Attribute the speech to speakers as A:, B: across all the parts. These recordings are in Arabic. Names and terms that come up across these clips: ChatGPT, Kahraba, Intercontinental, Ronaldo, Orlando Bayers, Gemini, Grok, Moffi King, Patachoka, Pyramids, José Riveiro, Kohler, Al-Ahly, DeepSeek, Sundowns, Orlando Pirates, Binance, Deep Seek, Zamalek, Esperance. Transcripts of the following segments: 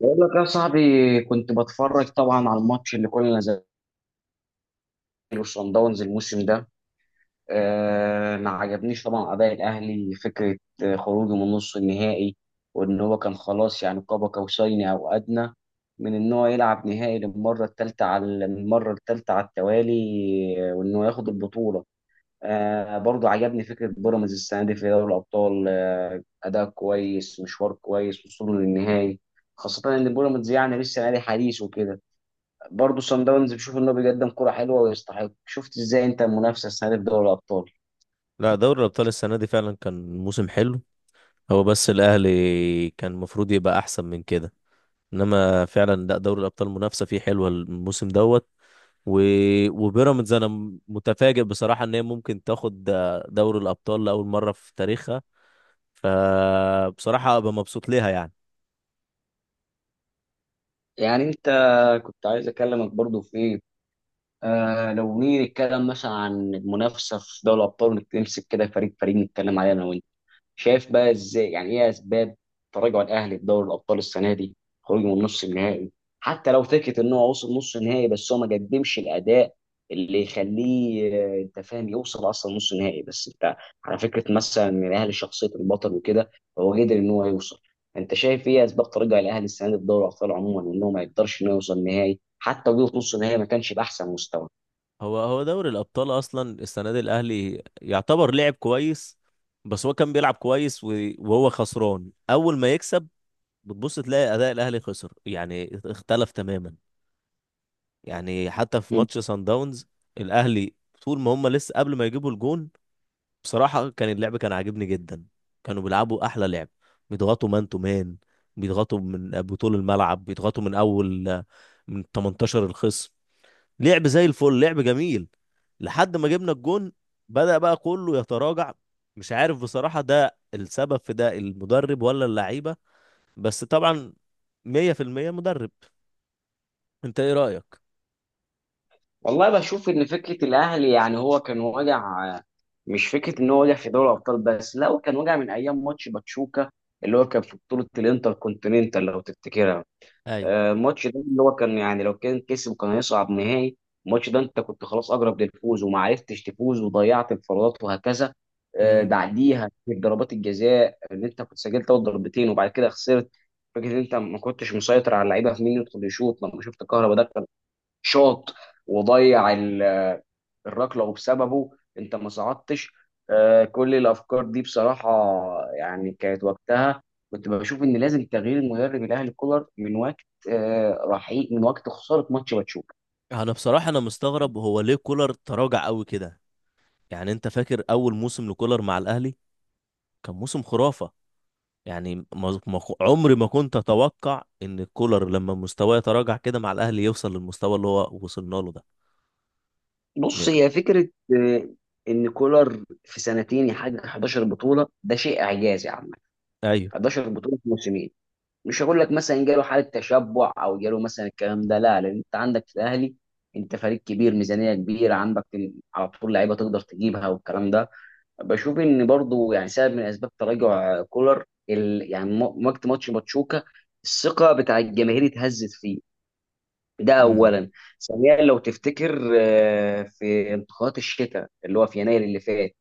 A: بقول لك يا صاحبي، كنت بتفرج طبعا على الماتش اللي كنا زي وصن داونز الموسم ده. ما عجبنيش طبعا اداء الاهلي فكره خروجه من نص النهائي، وان هو كان خلاص يعني قاب قوسين او ادنى من ان هو يلعب نهائي للمره الثالثه على المره الثالثه على التوالي. وان هو ياخد البطوله. آه برضو عجبني فكره بيراميدز السنه دي في دوري الابطال، آه اداء كويس، مشوار كويس، وصوله للنهائي، خاصه ان بيراميدز يعني لسه نادي حديث وكده. برضه صن داونز بشوف انه بيقدم كرة حلوة ويستحق. شفت ازاي انت المنافسة السنة دي في دوري الابطال؟
B: لا، دوري الأبطال السنة دي فعلا كان موسم حلو. هو بس الأهلي كان المفروض يبقى أحسن من كده. إنما فعلا لا دوري الأبطال منافسة فيه حلوة الموسم دوت. و... وبيراميدز أنا متفاجئ بصراحة إن هي ممكن تاخد دوري الأبطال لأول مرة في تاريخها. فبصراحة أبقى مبسوط ليها يعني.
A: يعني انت كنت عايز اكلمك برضه في ايه، آه لو نيجي نتكلم مثلا عن المنافسة في دوري الابطال ونمسك كده فريق فريق نتكلم عليه انا وانت. شايف بقى ازاي يعني ايه اسباب تراجع الاهلي في دوري الابطال السنه دي؟ خروجه من نص النهائي، حتى لو فكره ان هو وصل نص النهائي بس هو ما قدمش الاداء اللي يخليه، انت فاهم، يوصل اصلا نص النهائي، بس انت على فكره مثلا ان الاهلي شخصيه البطل وكده، فهو قدر ان هو يوصل. انت شايف ايه اسباب تراجع الاهلي السنه دي في دوري الابطال عموما، وان هو ما يقدرش انه يوصل نهائي، حتى وجوده في نص النهائي ما كانش باحسن مستوى؟
B: هو دوري الأبطال أصلا السنة دي الأهلي يعتبر لعب كويس. بس هو كان بيلعب كويس وهو خسران أول ما يكسب. بتبص تلاقي اداء الاهلي خسر، يعني اختلف تماما. يعني حتى في ماتش سان داونز، الاهلي طول ما هم لسه قبل ما يجيبوا الجون بصراحه كان اللعب كان عاجبني جدا. كانوا بيلعبوا احلى لعب. بيضغطوا مان تو مان. بيضغطوا من بطول الملعب. بيضغطوا من اول، من 18 الخصم. لعب زي الفل، لعب جميل لحد ما جبنا الجون. بدأ بقى كله يتراجع. مش عارف بصراحه ده السبب في ده المدرب ولا اللعيبه. بس طبعا 100% مدرب. انت ايه رأيك؟
A: والله بشوف ان فكره الاهلي يعني هو كان واجع، آه، مش فكره ان هو واجع في دوري الابطال بس، لا هو كان واجع من ايام ماتش باتشوكا اللي هو كان في بطوله الانتر كونتيننتال لو تفتكرها.
B: ايوه.
A: الماتش ده اللي هو كان يعني لو كان كسب كان هيصعد نهائي. الماتش ده انت كنت خلاص اقرب للفوز وما عرفتش تفوز، وضيعت انفرادات وهكذا.
B: امم.
A: بعديها في ضربات الجزاء ان انت كنت سجلت اول ضربتين وبعد كده خسرت. فكره ان انت ما كنتش مسيطر على اللعيبه في مين يدخل يشوط، لما شفت كهربا ده شاط وضيع الركله، وبسببه انت ما صعدتش. كل الافكار دي بصراحه يعني كانت وقتها، كنت بشوف ان لازم تغيير المدرب الاهلي كولر من وقت، رحيل من وقت خساره ماتش باتشوكا.
B: انا بصراحة انا مستغرب هو ليه كولر تراجع قوي كده. يعني انت فاكر اول موسم لكولر مع الاهلي كان موسم خرافة. يعني عمري ما كنت اتوقع ان كولر لما مستواه يتراجع كده مع الاهلي يوصل للمستوى اللي هو وصلنا له ده. إيه،
A: بص، هي فكره آه، ان كولر في سنتين يحقق 11 بطوله، ده شيء اعجازي عامه.
B: ايوه.
A: 11 بطوله في موسمين. مش هقول لك مثلا جاله حاله تشبع او جاله مثلا الكلام ده، لا، لان انت عندك في الاهلي، انت فريق كبير، ميزانيه كبيره عندك، على طول لعيبه تقدر تجيبها والكلام ده. بشوف ان برضو يعني سبب من اسباب تراجع كولر يعني وقت ماتش باتشوكا الثقه بتاع الجماهير اتهزت فيه، ده
B: امم.
A: اولا. ثانيا لو تفتكر، في انتخابات الشتاء اللي هو في يناير اللي فات،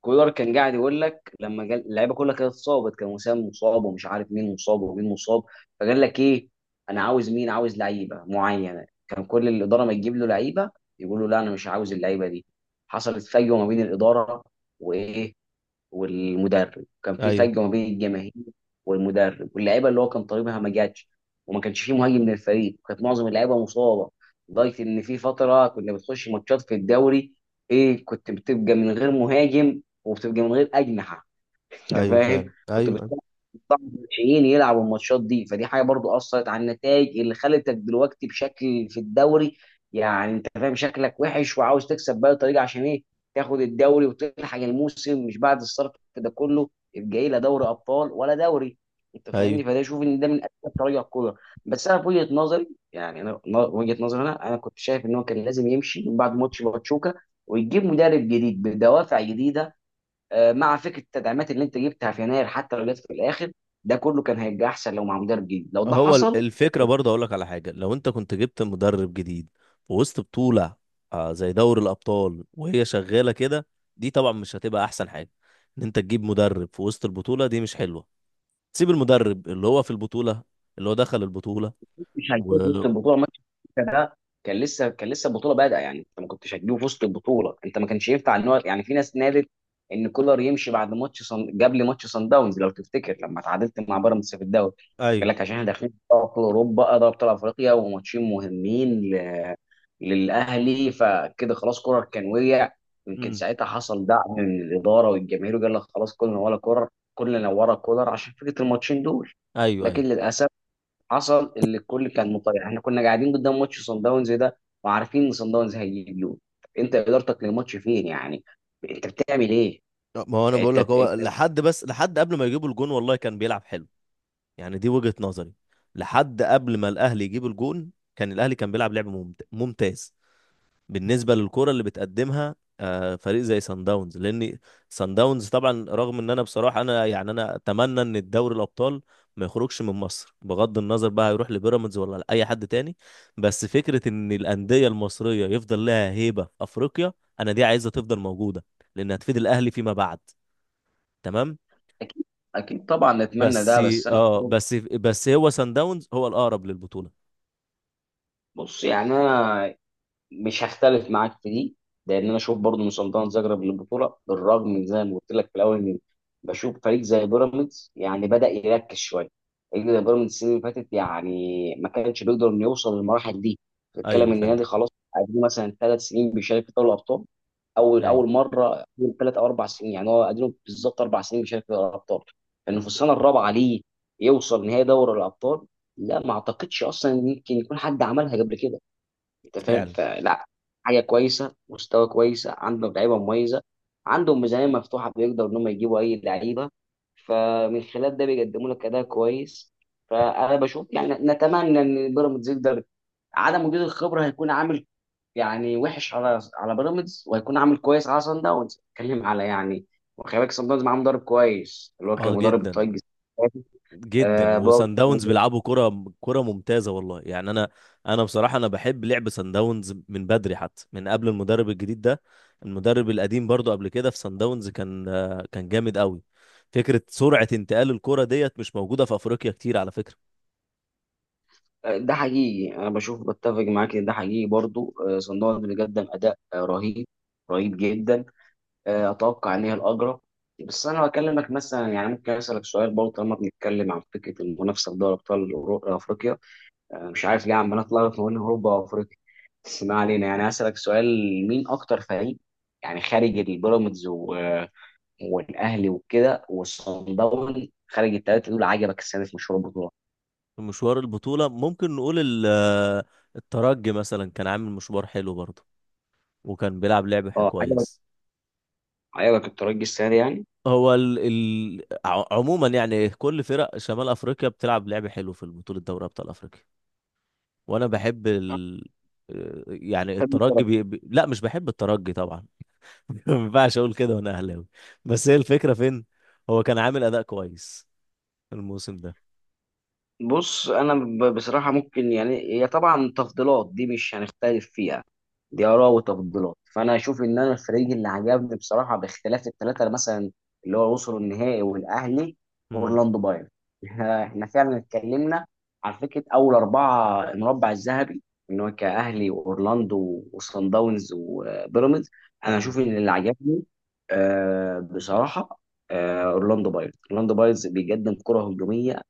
A: كولر كان قاعد يقول لك لما قال اللعيبه كلها كانت اتصابت، كان وسام مصاب ومش عارف مين مصاب ومين مصاب، فقال لك ايه، انا عاوز، مين عاوز لعيبه معينه، كان كل الاداره ما تجيب له لعيبه يقول له لا انا مش عاوز اللعيبه دي. حصلت فجوه ما بين الاداره وايه والمدرب، كان في
B: ايوه.
A: فجوه ما بين الجماهير والمدرب، واللعيبه اللي هو كان طالبها ما جاتش، وما كانش فيه مهاجم من الفريق، وكانت معظم اللعيبه مصابه، لدرجه ان في فتره كنا بتخش ماتشات في الدوري، ايه، كنت بتبقى من غير مهاجم وبتبقى من غير اجنحه. انت
B: ايوه
A: فاهم
B: فعلا.
A: كنت
B: ايوه.
A: طبعا الناشئين يلعبوا الماتشات دي، فدي حاجه برضو اثرت على النتائج اللي خلتك دلوقتي بشكل في الدوري. يعني انت فاهم شكلك وحش وعاوز تكسب باي طريقه عشان ايه، تاخد الدوري وتلحق الموسم، مش بعد الصرف ده كله جاي لا دوري ابطال ولا دوري. انت
B: ايوه.
A: فاهمني، فده شوف ان ده من اسباب تراجع الكوره. بس انا في وجهه نظري، يعني وجهه نظري انا كنت شايف ان هو كان لازم يمشي من بعد ماتش باتشوكا، ويجيب مدرب جديد بدوافع جديده، مع فكره التدعيمات اللي انت جبتها في يناير حتى لو جت في الاخر، ده كله كان هيبقى احسن لو مع مدرب جديد لو ده
B: هو
A: حصل.
B: الفكرة
A: كنت
B: برضه أقول لك على حاجة. لو أنت كنت جبت مدرب جديد في وسط بطولة، زي دوري الأبطال وهي شغالة كده، دي طبعا مش هتبقى أحسن حاجة. إن أنت تجيب مدرب في وسط البطولة دي مش حلوة. سيب المدرب اللي هو في البطولة، اللي هو دخل البطولة
A: مش هتجيب وسط
B: و
A: البطوله ماتش. ده كان لسه البطوله بادئه، يعني انت ما كنتش هتجيبه في وسط البطوله، انت ما كانش ينفع ان هو، يعني في ناس نادت ان كولر يمشي بعد قبل ماتش صن داونز، لو تفتكر لما تعادلت مع بيراميدز في الدوري، قال
B: أيوه.
A: لك عشان احنا داخلين في دوري ابطال اوروبا، دوري ابطال افريقيا وماتشين مهمين للاهلي، فكده خلاص كولر كان وقع. يمكن
B: أمم.
A: ساعتها حصل دعم من الاداره والجماهير وقال لك خلاص كلنا ورا كولر. كلنا ورا كولر عشان فكره الماتشين دول.
B: أيوه.
A: لكن
B: أيوه.
A: للاسف، حصل اللي الكل كان مطيع. احنا كنا قاعدين قدام ماتش صن داونز ده، وعارفين ان صن داونز هيجيب جول. طب انت ادارتك للماتش فين يعني؟ انت بتعمل ايه؟
B: ما هو أنا بقول
A: انت,
B: لك
A: انت...
B: هو لحد، بس لحد قبل ما يجيبوا الجون والله كان بيلعب حلو. يعني دي وجهة نظري. لحد قبل ما الأهلي يجيب الجون كان الأهلي كان بيلعب لعب ممتاز بالنسبه للكره اللي بتقدمها. فريق زي سان داونز، لان سان داونز طبعا، رغم ان انا بصراحه انا يعني انا اتمنى ان الدوري الابطال ما يخرجش من مصر بغض النظر بقى هيروح لبيراميدز ولا لاي حد تاني. بس فكره ان الانديه المصريه يفضل لها هيبه في افريقيا، انا دي عايزها تفضل موجوده لان هتفيد الاهلي فيما بعد. تمام.
A: اكيد، اكيد طبعا نتمنى
B: بس
A: ده بس انا،
B: اه بس بس هو سان داونز هو الاقرب للبطوله.
A: بص يعني انا مش هختلف معاك في دي، لان انا اشوف برضه ان سلطنه زغرب للبطوله، بالرغم من زي ما قلت لك في الاول ان، بشوف فريق زي بيراميدز يعني بدا يركز شويه. فريق زي بيراميدز السنه اللي فاتت يعني ما كانش بيقدر انه يوصل للمراحل دي.
B: ايوه
A: بتتكلم ان
B: فعلا.
A: النادي خلاص قديم، مثلا ثلاث سنين بيشارك في دوري الابطال، اول
B: ايوه
A: اول مره من ثلاث او اربع سنين، يعني هو قديم بالظبط اربع سنين بيشارك في دوري الابطال، انه في السنه الرابعه ليه يوصل نهائي دوري الابطال. لا ما اعتقدش اصلا إن يمكن يكون حد عملها قبل كده. انت فاهم،
B: فعلا.
A: فلا، حاجه كويسه، مستوى كويس، عندهم لعيبه مميزه، عندهم ميزانيه مفتوحه بيقدروا ان هم يجيبوا اي لعيبه، فمن خلال ده بيقدموا لك اداء كويس. فانا بشوف يعني نتمنى ان بيراميدز يقدر. عدم وجود الخبره هيكون عامل يعني وحش على بيراميدز، وهيكون عامل كويس على سان داونز. اتكلم على يعني، وخلي بالك سان داونز معاه مدرب كويس اللي هو كان
B: اه
A: مدرب
B: جدا
A: الطاقه.
B: جدا.
A: آه برضه
B: وسان داونز بيلعبوا كرة ممتازة والله. يعني انا بصراحة انا بحب لعب سان داونز من بدري، حتى من قبل المدرب الجديد ده. المدرب القديم برضو قبل كده في سان داونز كان، كان جامد قوي. فكرة سرعة انتقال الكرة ديت مش موجودة في افريقيا كتير على فكرة.
A: ده حقيقي، انا بشوف، بتفق معاك ان ده حقيقي برضو. صندوق اللي قدم اداء رهيب، رهيب جدا. اتوقع ان هي الاجرى. بس انا بكلمك مثلا، يعني ممكن اسالك سؤال برضه، طالما بنتكلم عن فكره المنافسه في دوري ابطال افريقيا، مش عارف ليه عمال اتلخبط ما بين اوروبا وافريقيا، بس ما علينا. يعني اسالك سؤال، مين اكتر فريق يعني خارج البيراميدز والاهلي وكده والصن داونز، خارج الثلاثه دول عجبك السنه في مشوار البطوله؟
B: في مشوار البطولة ممكن نقول الترجي مثلا كان عامل مشوار حلو برضو وكان بيلعب لعب
A: اه عجبك،
B: كويس.
A: عجبك الترجي السنه دي يعني؟
B: هو عموما يعني كل فرق شمال افريقيا بتلعب لعب حلو في البطولة، دوري ابطال افريقيا. وانا بحب ال... آه، يعني
A: بحب
B: الترجي،
A: الفراخ.
B: لا مش بحب الترجي طبعا. ما ينفعش اقول كده وانا اهلاوي. بس هي الفكره فين؟ هو كان عامل اداء كويس الموسم ده.
A: بص انا بصراحه، ممكن يعني هي طبعا تفضيلات دي مش هنختلف فيها، دي اراء وتفضيلات. فانا اشوف ان انا الفريق اللي عجبني بصراحه باختلاف الثلاثه، مثلا اللي هو وصلوا النهائي والاهلي،
B: امم.
A: اورلاندو بايرن. احنا فعلا اتكلمنا على فكره اول اربعه المربع الذهبي ان هو كاهلي واورلاندو وصن داونز وبيراميدز. انا
B: امم.
A: اشوف ان اللي عجبني، بصراحه اورلاندو بايرز. اورلاندو بايرز بيقدم كره هجوميه،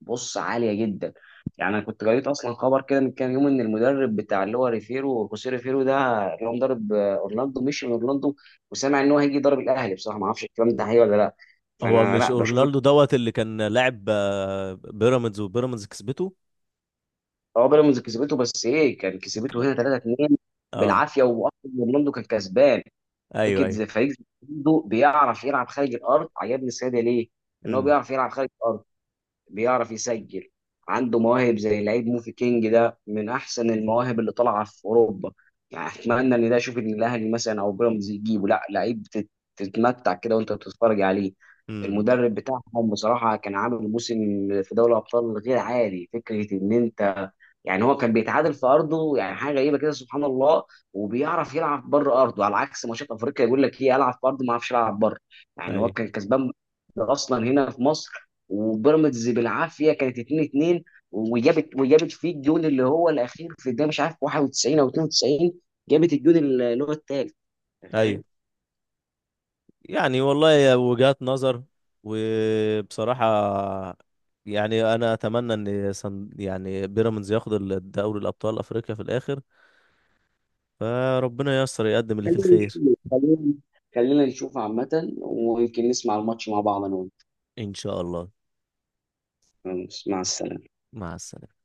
A: بص، عاليه جدا. يعني انا كنت قريت اصلا خبر كده من كام يوم، ان المدرب بتاع اللي هو ريفيرو، خوسيه ريفيرو ده، اللي هو مدرب اورلاندو، مشي من اورلاندو، وسامع ان هو هيجي يضرب الاهلي. بصراحه ما اعرفش الكلام ده حقيقي ولا لا،
B: هو
A: فانا
B: مش
A: لا بشوف إن،
B: اورنالدو دوت اللي كان لاعب، بيراميدز وبيراميدز كسبته؟
A: هو بيراميدز كسبته بس ايه، كان كسبته هنا 3-2
B: اه.
A: بالعافيه، واصلا اورلاندو كان كسبان.
B: ايوه
A: فكره
B: ايوه.
A: زي فريق زي اورلاندو بيعرف يلعب خارج الارض. عجبني السيده ليه؟ ان هو
B: امم.
A: بيعرف يلعب خارج الارض، بيعرف يسجل، عنده مواهب زي لعيب موفي كينج، ده من احسن المواهب اللي طالعه في اوروبا. يعني اتمنى ان ده، اشوف ان الاهلي مثلا او بيراميدز يجيبه، لا لعيب تتمتع كده وانت بتتفرج عليه.
B: امم.
A: المدرب بتاعهم بصراحه كان عامل موسم في دوري الابطال غير عادي. فكره ان انت يعني هو كان بيتعادل في ارضه يعني حاجه غريبه كده سبحان الله، وبيعرف يلعب بره ارضه على عكس ماتشات افريقيا يقول لك ايه، العب في ارضي ما اعرفش العب بره. يعني هو
B: ايوه
A: كان كسبان اصلا هنا في مصر، وبيراميدز بالعافيه كانت 2-2، وجابت فيه الجون اللي هو الاخير في الدقيقه مش عارف 91 او 92، جابت الجون اللي هو الثالث.
B: ايوه.
A: فاهم؟
B: يعني والله هي وجهات نظر، وبصراحة يعني أنا أتمنى إن يعني بيراميدز ياخد دوري الأبطال أفريقيا في الآخر. فربنا ييسر يقدم اللي فيه
A: خلينا
B: الخير.
A: نشوف خلينا خلينا نشوف عامه، ويمكن نسمع الماتش مع بعض انا
B: إن شاء الله.
A: وانت. مع السلامه.
B: مع السلامة.